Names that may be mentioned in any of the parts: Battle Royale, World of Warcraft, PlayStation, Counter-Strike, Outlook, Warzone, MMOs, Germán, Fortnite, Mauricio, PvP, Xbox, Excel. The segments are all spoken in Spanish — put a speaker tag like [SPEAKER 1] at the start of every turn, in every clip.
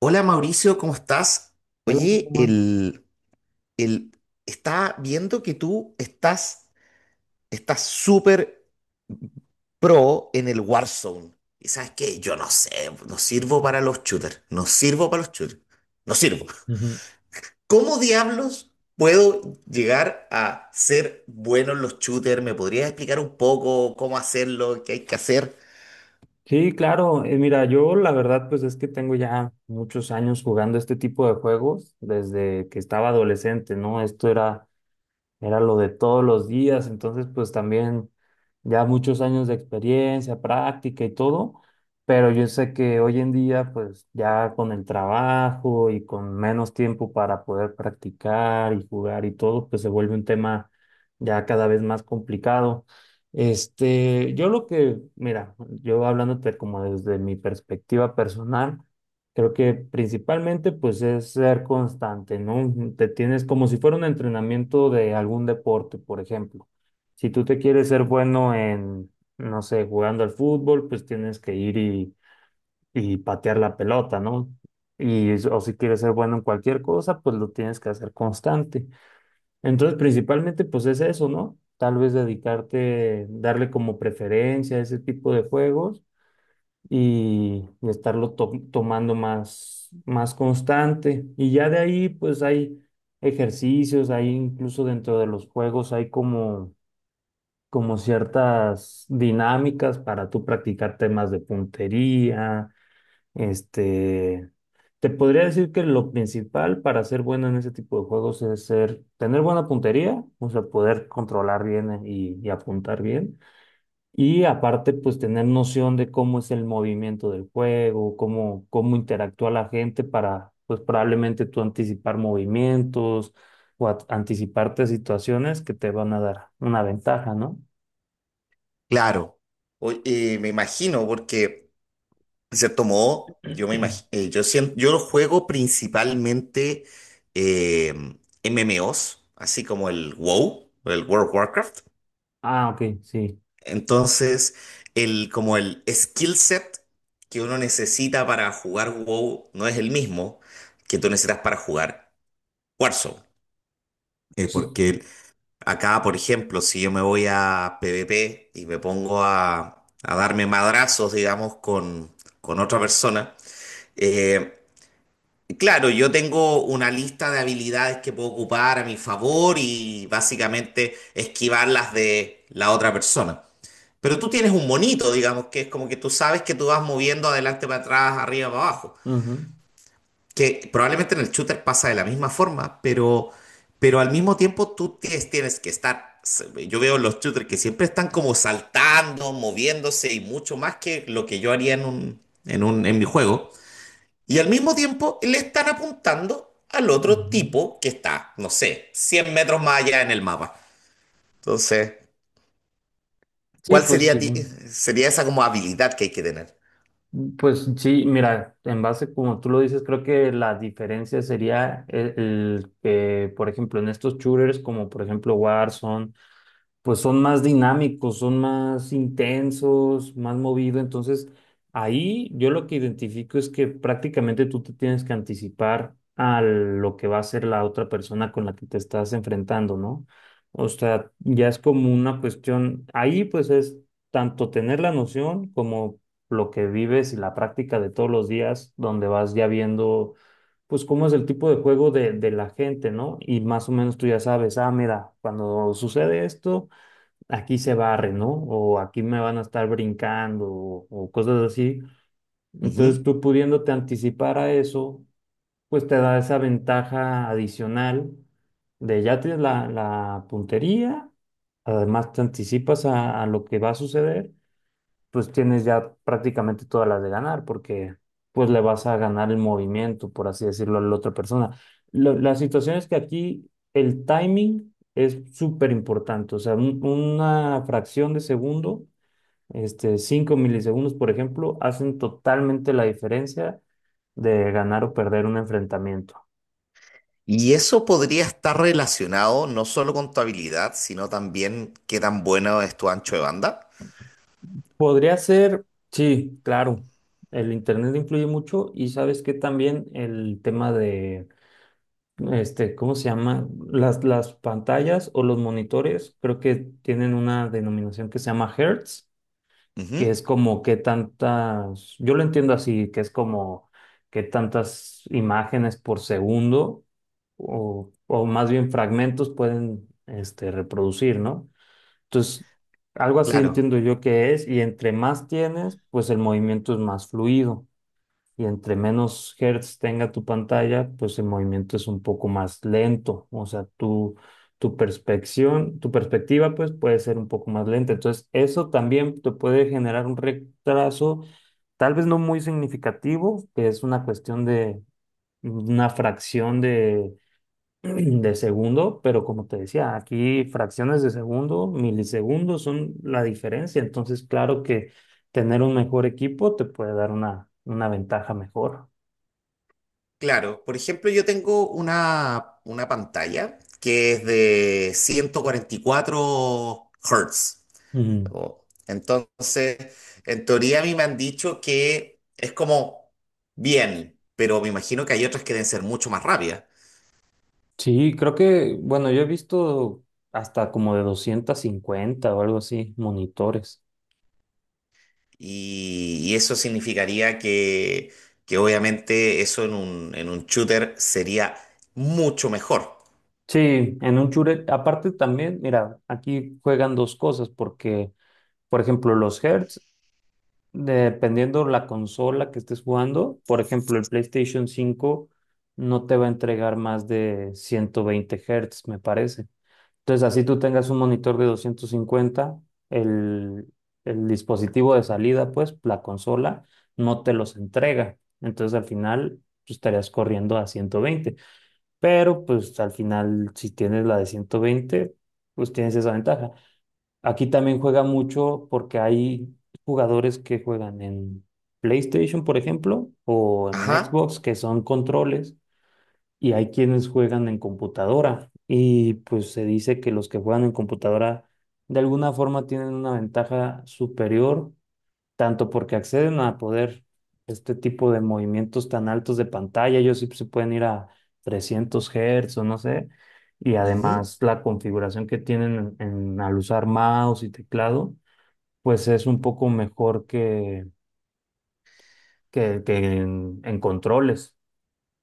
[SPEAKER 1] Hola, Mauricio, ¿cómo estás?
[SPEAKER 2] Hola,
[SPEAKER 1] Oye,
[SPEAKER 2] Germán.
[SPEAKER 1] el, está viendo que tú estás súper pro en el Warzone. ¿Y sabes qué? Yo no sé, no sirvo para los shooters, no sirvo para los shooters, no sirvo.
[SPEAKER 2] Ujú.
[SPEAKER 1] ¿Cómo diablos puedo llegar a ser bueno en los shooters? ¿Me podrías explicar un poco cómo hacerlo, qué hay que hacer?
[SPEAKER 2] Sí, claro. Mira, yo la verdad pues es que tengo ya muchos años jugando este tipo de juegos desde que estaba adolescente, ¿no? Esto era lo de todos los días, entonces pues también ya muchos años de experiencia, práctica y todo, pero yo sé que hoy en día pues ya con el trabajo y con menos tiempo para poder practicar y jugar y todo, pues se vuelve un tema ya cada vez más complicado. Este, mira, yo hablándote como desde mi perspectiva personal, creo que principalmente pues es ser constante, ¿no? Te tienes como si fuera un entrenamiento de algún deporte, por ejemplo. Si tú te quieres ser bueno en, no sé, jugando al fútbol, pues tienes que ir y patear la pelota, ¿no? Y, o si quieres ser bueno en cualquier cosa, pues lo tienes que hacer constante. Entonces, principalmente pues es eso, ¿no? Tal vez dedicarte, darle como preferencia a ese tipo de juegos y estarlo tomando más, más constante. Y ya de ahí, pues hay ejercicios, hay incluso dentro de los juegos, hay como ciertas dinámicas para tú practicar temas de puntería. Este, te podría decir que lo principal para ser bueno en ese tipo de juegos es tener buena puntería, o sea, poder controlar bien y apuntar bien y aparte, pues tener noción de cómo es el movimiento del juego, cómo interactúa la gente para, pues probablemente tú anticipar movimientos o anticiparte situaciones que te van a dar una ventaja, ¿no?
[SPEAKER 1] Claro, me imagino, porque se tomó yo me imagino, yo siento, yo lo juego principalmente eh, MMOs, así como el WoW, el World of Warcraft.
[SPEAKER 2] Ah, ok, sí.
[SPEAKER 1] Entonces, como el skill set que uno necesita para jugar WoW no es el mismo que tú necesitas para jugar Warzone.
[SPEAKER 2] Sí,
[SPEAKER 1] Porque acá, por ejemplo, si yo me voy a PvP y me pongo a darme madrazos, digamos, con otra persona, eh, claro, yo tengo una lista de habilidades que puedo ocupar a mi favor y básicamente esquivar las de la otra persona. Pero tú tienes un monito, digamos, que es como que tú sabes que tú vas moviendo adelante para atrás, arriba para abajo.
[SPEAKER 2] ujú,
[SPEAKER 1] Que probablemente en el shooter pasa de la misma forma, pero al mismo tiempo tú tienes que estar. Yo veo los shooters que siempre están como saltando, moviéndose y mucho más que lo que yo haría en un, en un, en mi juego. Y al mismo tiempo le están apuntando al otro
[SPEAKER 2] ujú.
[SPEAKER 1] tipo que está, no sé, 100 metros más allá en el mapa. Entonces,
[SPEAKER 2] Sí,
[SPEAKER 1] ¿cuál
[SPEAKER 2] pues
[SPEAKER 1] sería,
[SPEAKER 2] sí.
[SPEAKER 1] ti- sería esa como habilidad que hay que tener?
[SPEAKER 2] Pues sí, mira, en base como tú lo dices, creo que la diferencia sería el que, por ejemplo, en estos shooters como por ejemplo Warzone, pues son más dinámicos, son más intensos, más movido. Entonces, ahí yo lo que identifico es que prácticamente tú te tienes que anticipar a lo que va a ser la otra persona con la que te estás enfrentando, ¿no? O sea, ya es como una cuestión, ahí pues es tanto tener la noción como lo que vives y la práctica de todos los días, donde vas ya viendo pues cómo es el tipo de juego de la gente, ¿no? Y más o menos tú ya sabes, ah, mira, cuando sucede esto, aquí se barre, ¿no? O aquí me van a estar brincando o cosas así.
[SPEAKER 1] Ujú.
[SPEAKER 2] Entonces tú pudiéndote anticipar a eso, pues te da esa ventaja adicional de ya tienes la puntería, además te anticipas a lo que va a suceder pues tienes ya prácticamente todas las de ganar, porque pues le vas a ganar el movimiento, por así decirlo, a la otra persona. La situación es que aquí el timing es súper importante, o sea, una fracción de segundo, este, 5 milisegundos, por ejemplo, hacen totalmente la diferencia de ganar o perder un enfrentamiento.
[SPEAKER 1] Y eso podría estar relacionado no solo con tu habilidad, sino también qué tan bueno es tu ancho de banda.
[SPEAKER 2] Podría ser, sí, claro, el internet influye mucho y sabes que también el tema de este, ¿cómo se llama? Las pantallas o los monitores, creo que tienen una denominación que se llama hertz, que es
[SPEAKER 1] Ujú.
[SPEAKER 2] como qué tantas, yo lo entiendo así, que es como qué tantas imágenes por segundo o más bien fragmentos pueden reproducir, ¿no? Entonces, algo así
[SPEAKER 1] Claro,
[SPEAKER 2] entiendo yo que es, y entre más tienes, pues el movimiento es más fluido y entre menos hertz tenga tu pantalla, pues el movimiento es un poco más lento. O sea, tu perspección, tu perspectiva, pues puede ser un poco más lenta. Entonces, eso también te puede generar un retraso, tal vez no muy significativo, que es una cuestión de una fracción de, de segundo, pero como te decía, aquí fracciones de segundo, milisegundos son la diferencia. Entonces, claro que tener un mejor equipo te puede dar una ventaja mejor.
[SPEAKER 1] claro. Por ejemplo, yo tengo una pantalla que es de 144 Hz.
[SPEAKER 2] Ujú.
[SPEAKER 1] Oh. Entonces, en teoría a mí me han dicho que es como bien, pero me imagino que hay otras que deben ser mucho más rápidas.
[SPEAKER 2] Sí, creo que, bueno, yo he visto hasta como de 250 o algo así, monitores.
[SPEAKER 1] Y eso significaría que obviamente eso en un shooter sería mucho mejor.
[SPEAKER 2] Sí, en un Shure, aparte también, mira, aquí juegan dos cosas, porque, por ejemplo, los hertz, dependiendo la consola que estés jugando, por ejemplo, el PlayStation 5 no te va a entregar más de 120 hertz, me parece. Entonces, así tú tengas un monitor de 250 el, el dispositivo de salida, pues la consola, no te los entrega. Entonces, al final, tú estarías corriendo a 120. Pero, pues al final, si tienes la de 120 pues tienes esa ventaja. Aquí también juega mucho porque hay jugadores que juegan en PlayStation, por ejemplo, o en
[SPEAKER 1] Ajá.
[SPEAKER 2] Xbox, que son controles y hay quienes juegan en computadora y pues se dice que los que juegan en computadora de alguna forma tienen una ventaja superior, tanto porque acceden a poder este tipo de movimientos tan altos de pantalla, ellos sí pues, se pueden ir a 300 Hz o no sé, y
[SPEAKER 1] Ujú.
[SPEAKER 2] además la configuración que tienen en, al usar mouse y teclado, pues es un poco mejor que, que en controles.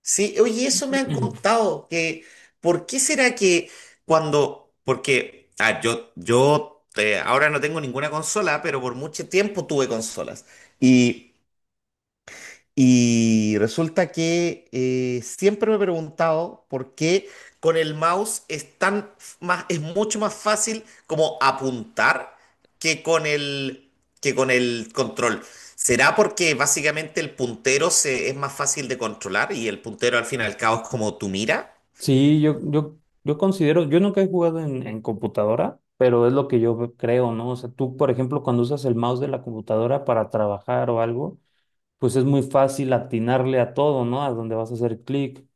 [SPEAKER 1] Sí, oye, eso me han contado, que ¿por qué será que cuando, porque, ah, yo ahora no tengo ninguna consola, pero por mucho tiempo tuve consolas. Y Y resulta que siempre me he preguntado por qué con el mouse es más, es mucho más fácil como apuntar que con el que con el control. ¿Será porque básicamente el puntero es más fácil de controlar y el puntero al fin y al cabo es como tu mira?
[SPEAKER 2] Sí, yo considero, yo nunca he jugado en computadora, pero es lo que yo creo, ¿no? O sea, tú, por ejemplo, cuando usas el mouse de la computadora para trabajar o algo, pues es muy fácil atinarle a todo, ¿no? A donde vas a hacer clic.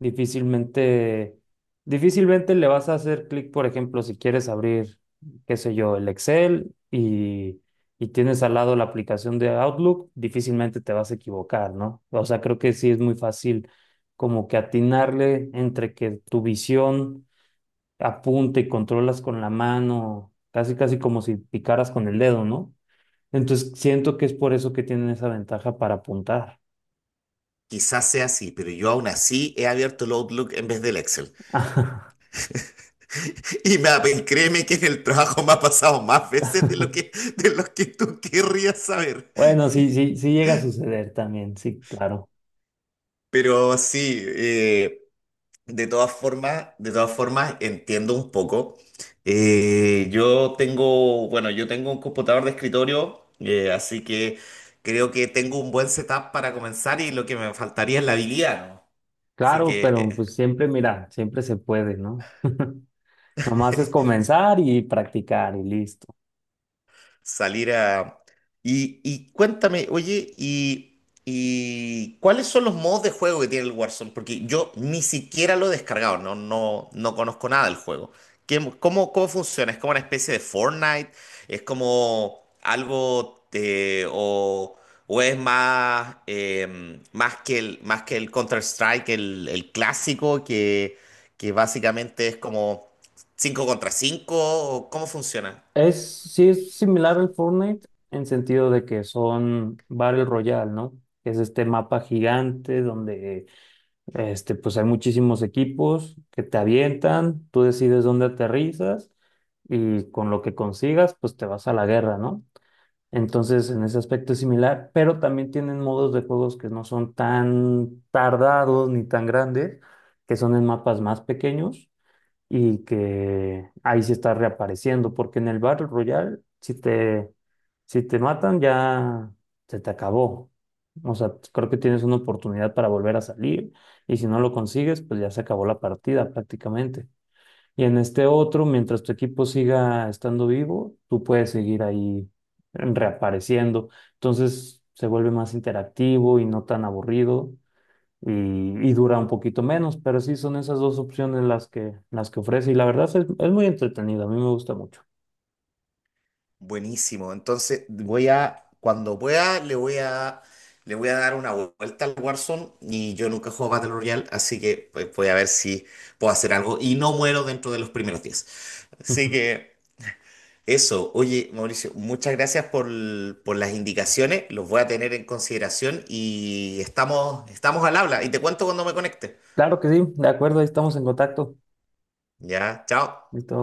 [SPEAKER 2] Difícilmente, difícilmente le vas a hacer clic, por ejemplo, si quieres abrir, qué sé yo, el Excel y tienes al lado la aplicación de Outlook, difícilmente te vas a equivocar, ¿no? O sea, creo que sí es muy fácil como que atinarle entre que tu visión apunta y controlas con la mano, casi casi como si picaras con el dedo, ¿no? Entonces siento que es por eso que tienen esa ventaja para apuntar.
[SPEAKER 1] Quizás sea así, pero yo aún así he abierto el Outlook en vez del Excel. Y me, créeme que en el trabajo me ha pasado más veces de lo que tú querrías saber.
[SPEAKER 2] Bueno, sí, sí, sí llega a suceder también, sí, claro.
[SPEAKER 1] Pero sí, de todas formas entiendo un poco. Yo tengo, bueno, yo tengo un computador de escritorio, así que creo que tengo un buen setup para comenzar y lo que me faltaría es la habilidad, ¿no? Así
[SPEAKER 2] Claro, pero
[SPEAKER 1] que
[SPEAKER 2] pues siempre, mira, siempre se puede, ¿no? Nomás es
[SPEAKER 1] eh,
[SPEAKER 2] comenzar y practicar y listo.
[SPEAKER 1] salir a... y cuéntame, oye, y ¿cuáles son los modos de juego que tiene el Warzone? Porque yo ni siquiera lo he descargado, no, no, no conozco nada del juego. ¿Qué, cómo, cómo funciona? ¿Es como una especie de Fortnite? ¿Es como algo de, o es más, más que el Counter-Strike, el clásico, que básicamente es como 5 contra 5? ¿Cómo funciona?
[SPEAKER 2] Es, sí es similar al Fortnite en sentido de que son Battle Royale, ¿no? Que es este mapa gigante donde este, pues hay muchísimos equipos que te avientan, tú decides dónde aterrizas y con lo que consigas, pues te vas a la guerra, ¿no? Entonces, en ese aspecto es similar, pero también tienen modos de juegos que no son tan tardados ni tan grandes, que son en mapas más pequeños y que ahí sí está reapareciendo, porque en el Battle Royale, si te matan, ya se te acabó. O sea, creo que tienes una oportunidad para volver a salir y si no lo consigues, pues ya se acabó la partida prácticamente. Y en este otro, mientras tu equipo siga estando vivo, tú puedes seguir ahí reapareciendo. Entonces se vuelve más interactivo y no tan aburrido y, y dura un poquito menos, pero sí son esas dos opciones las que ofrece y la verdad es muy entretenido, a mí me gusta mucho.
[SPEAKER 1] Buenísimo. Entonces voy a, cuando pueda, le voy a dar una vuelta al Warzone y yo nunca juego Battle Royale, así que pues, voy a ver si puedo hacer algo y no muero dentro de los primeros 10. Así que eso, oye, Mauricio, muchas gracias por, por las indicaciones, los voy a tener en consideración y estamos, estamos al habla y te cuento cuando me conecte.
[SPEAKER 2] Claro que sí, de acuerdo, ahí estamos en contacto.
[SPEAKER 1] Ya, chao.
[SPEAKER 2] Listo.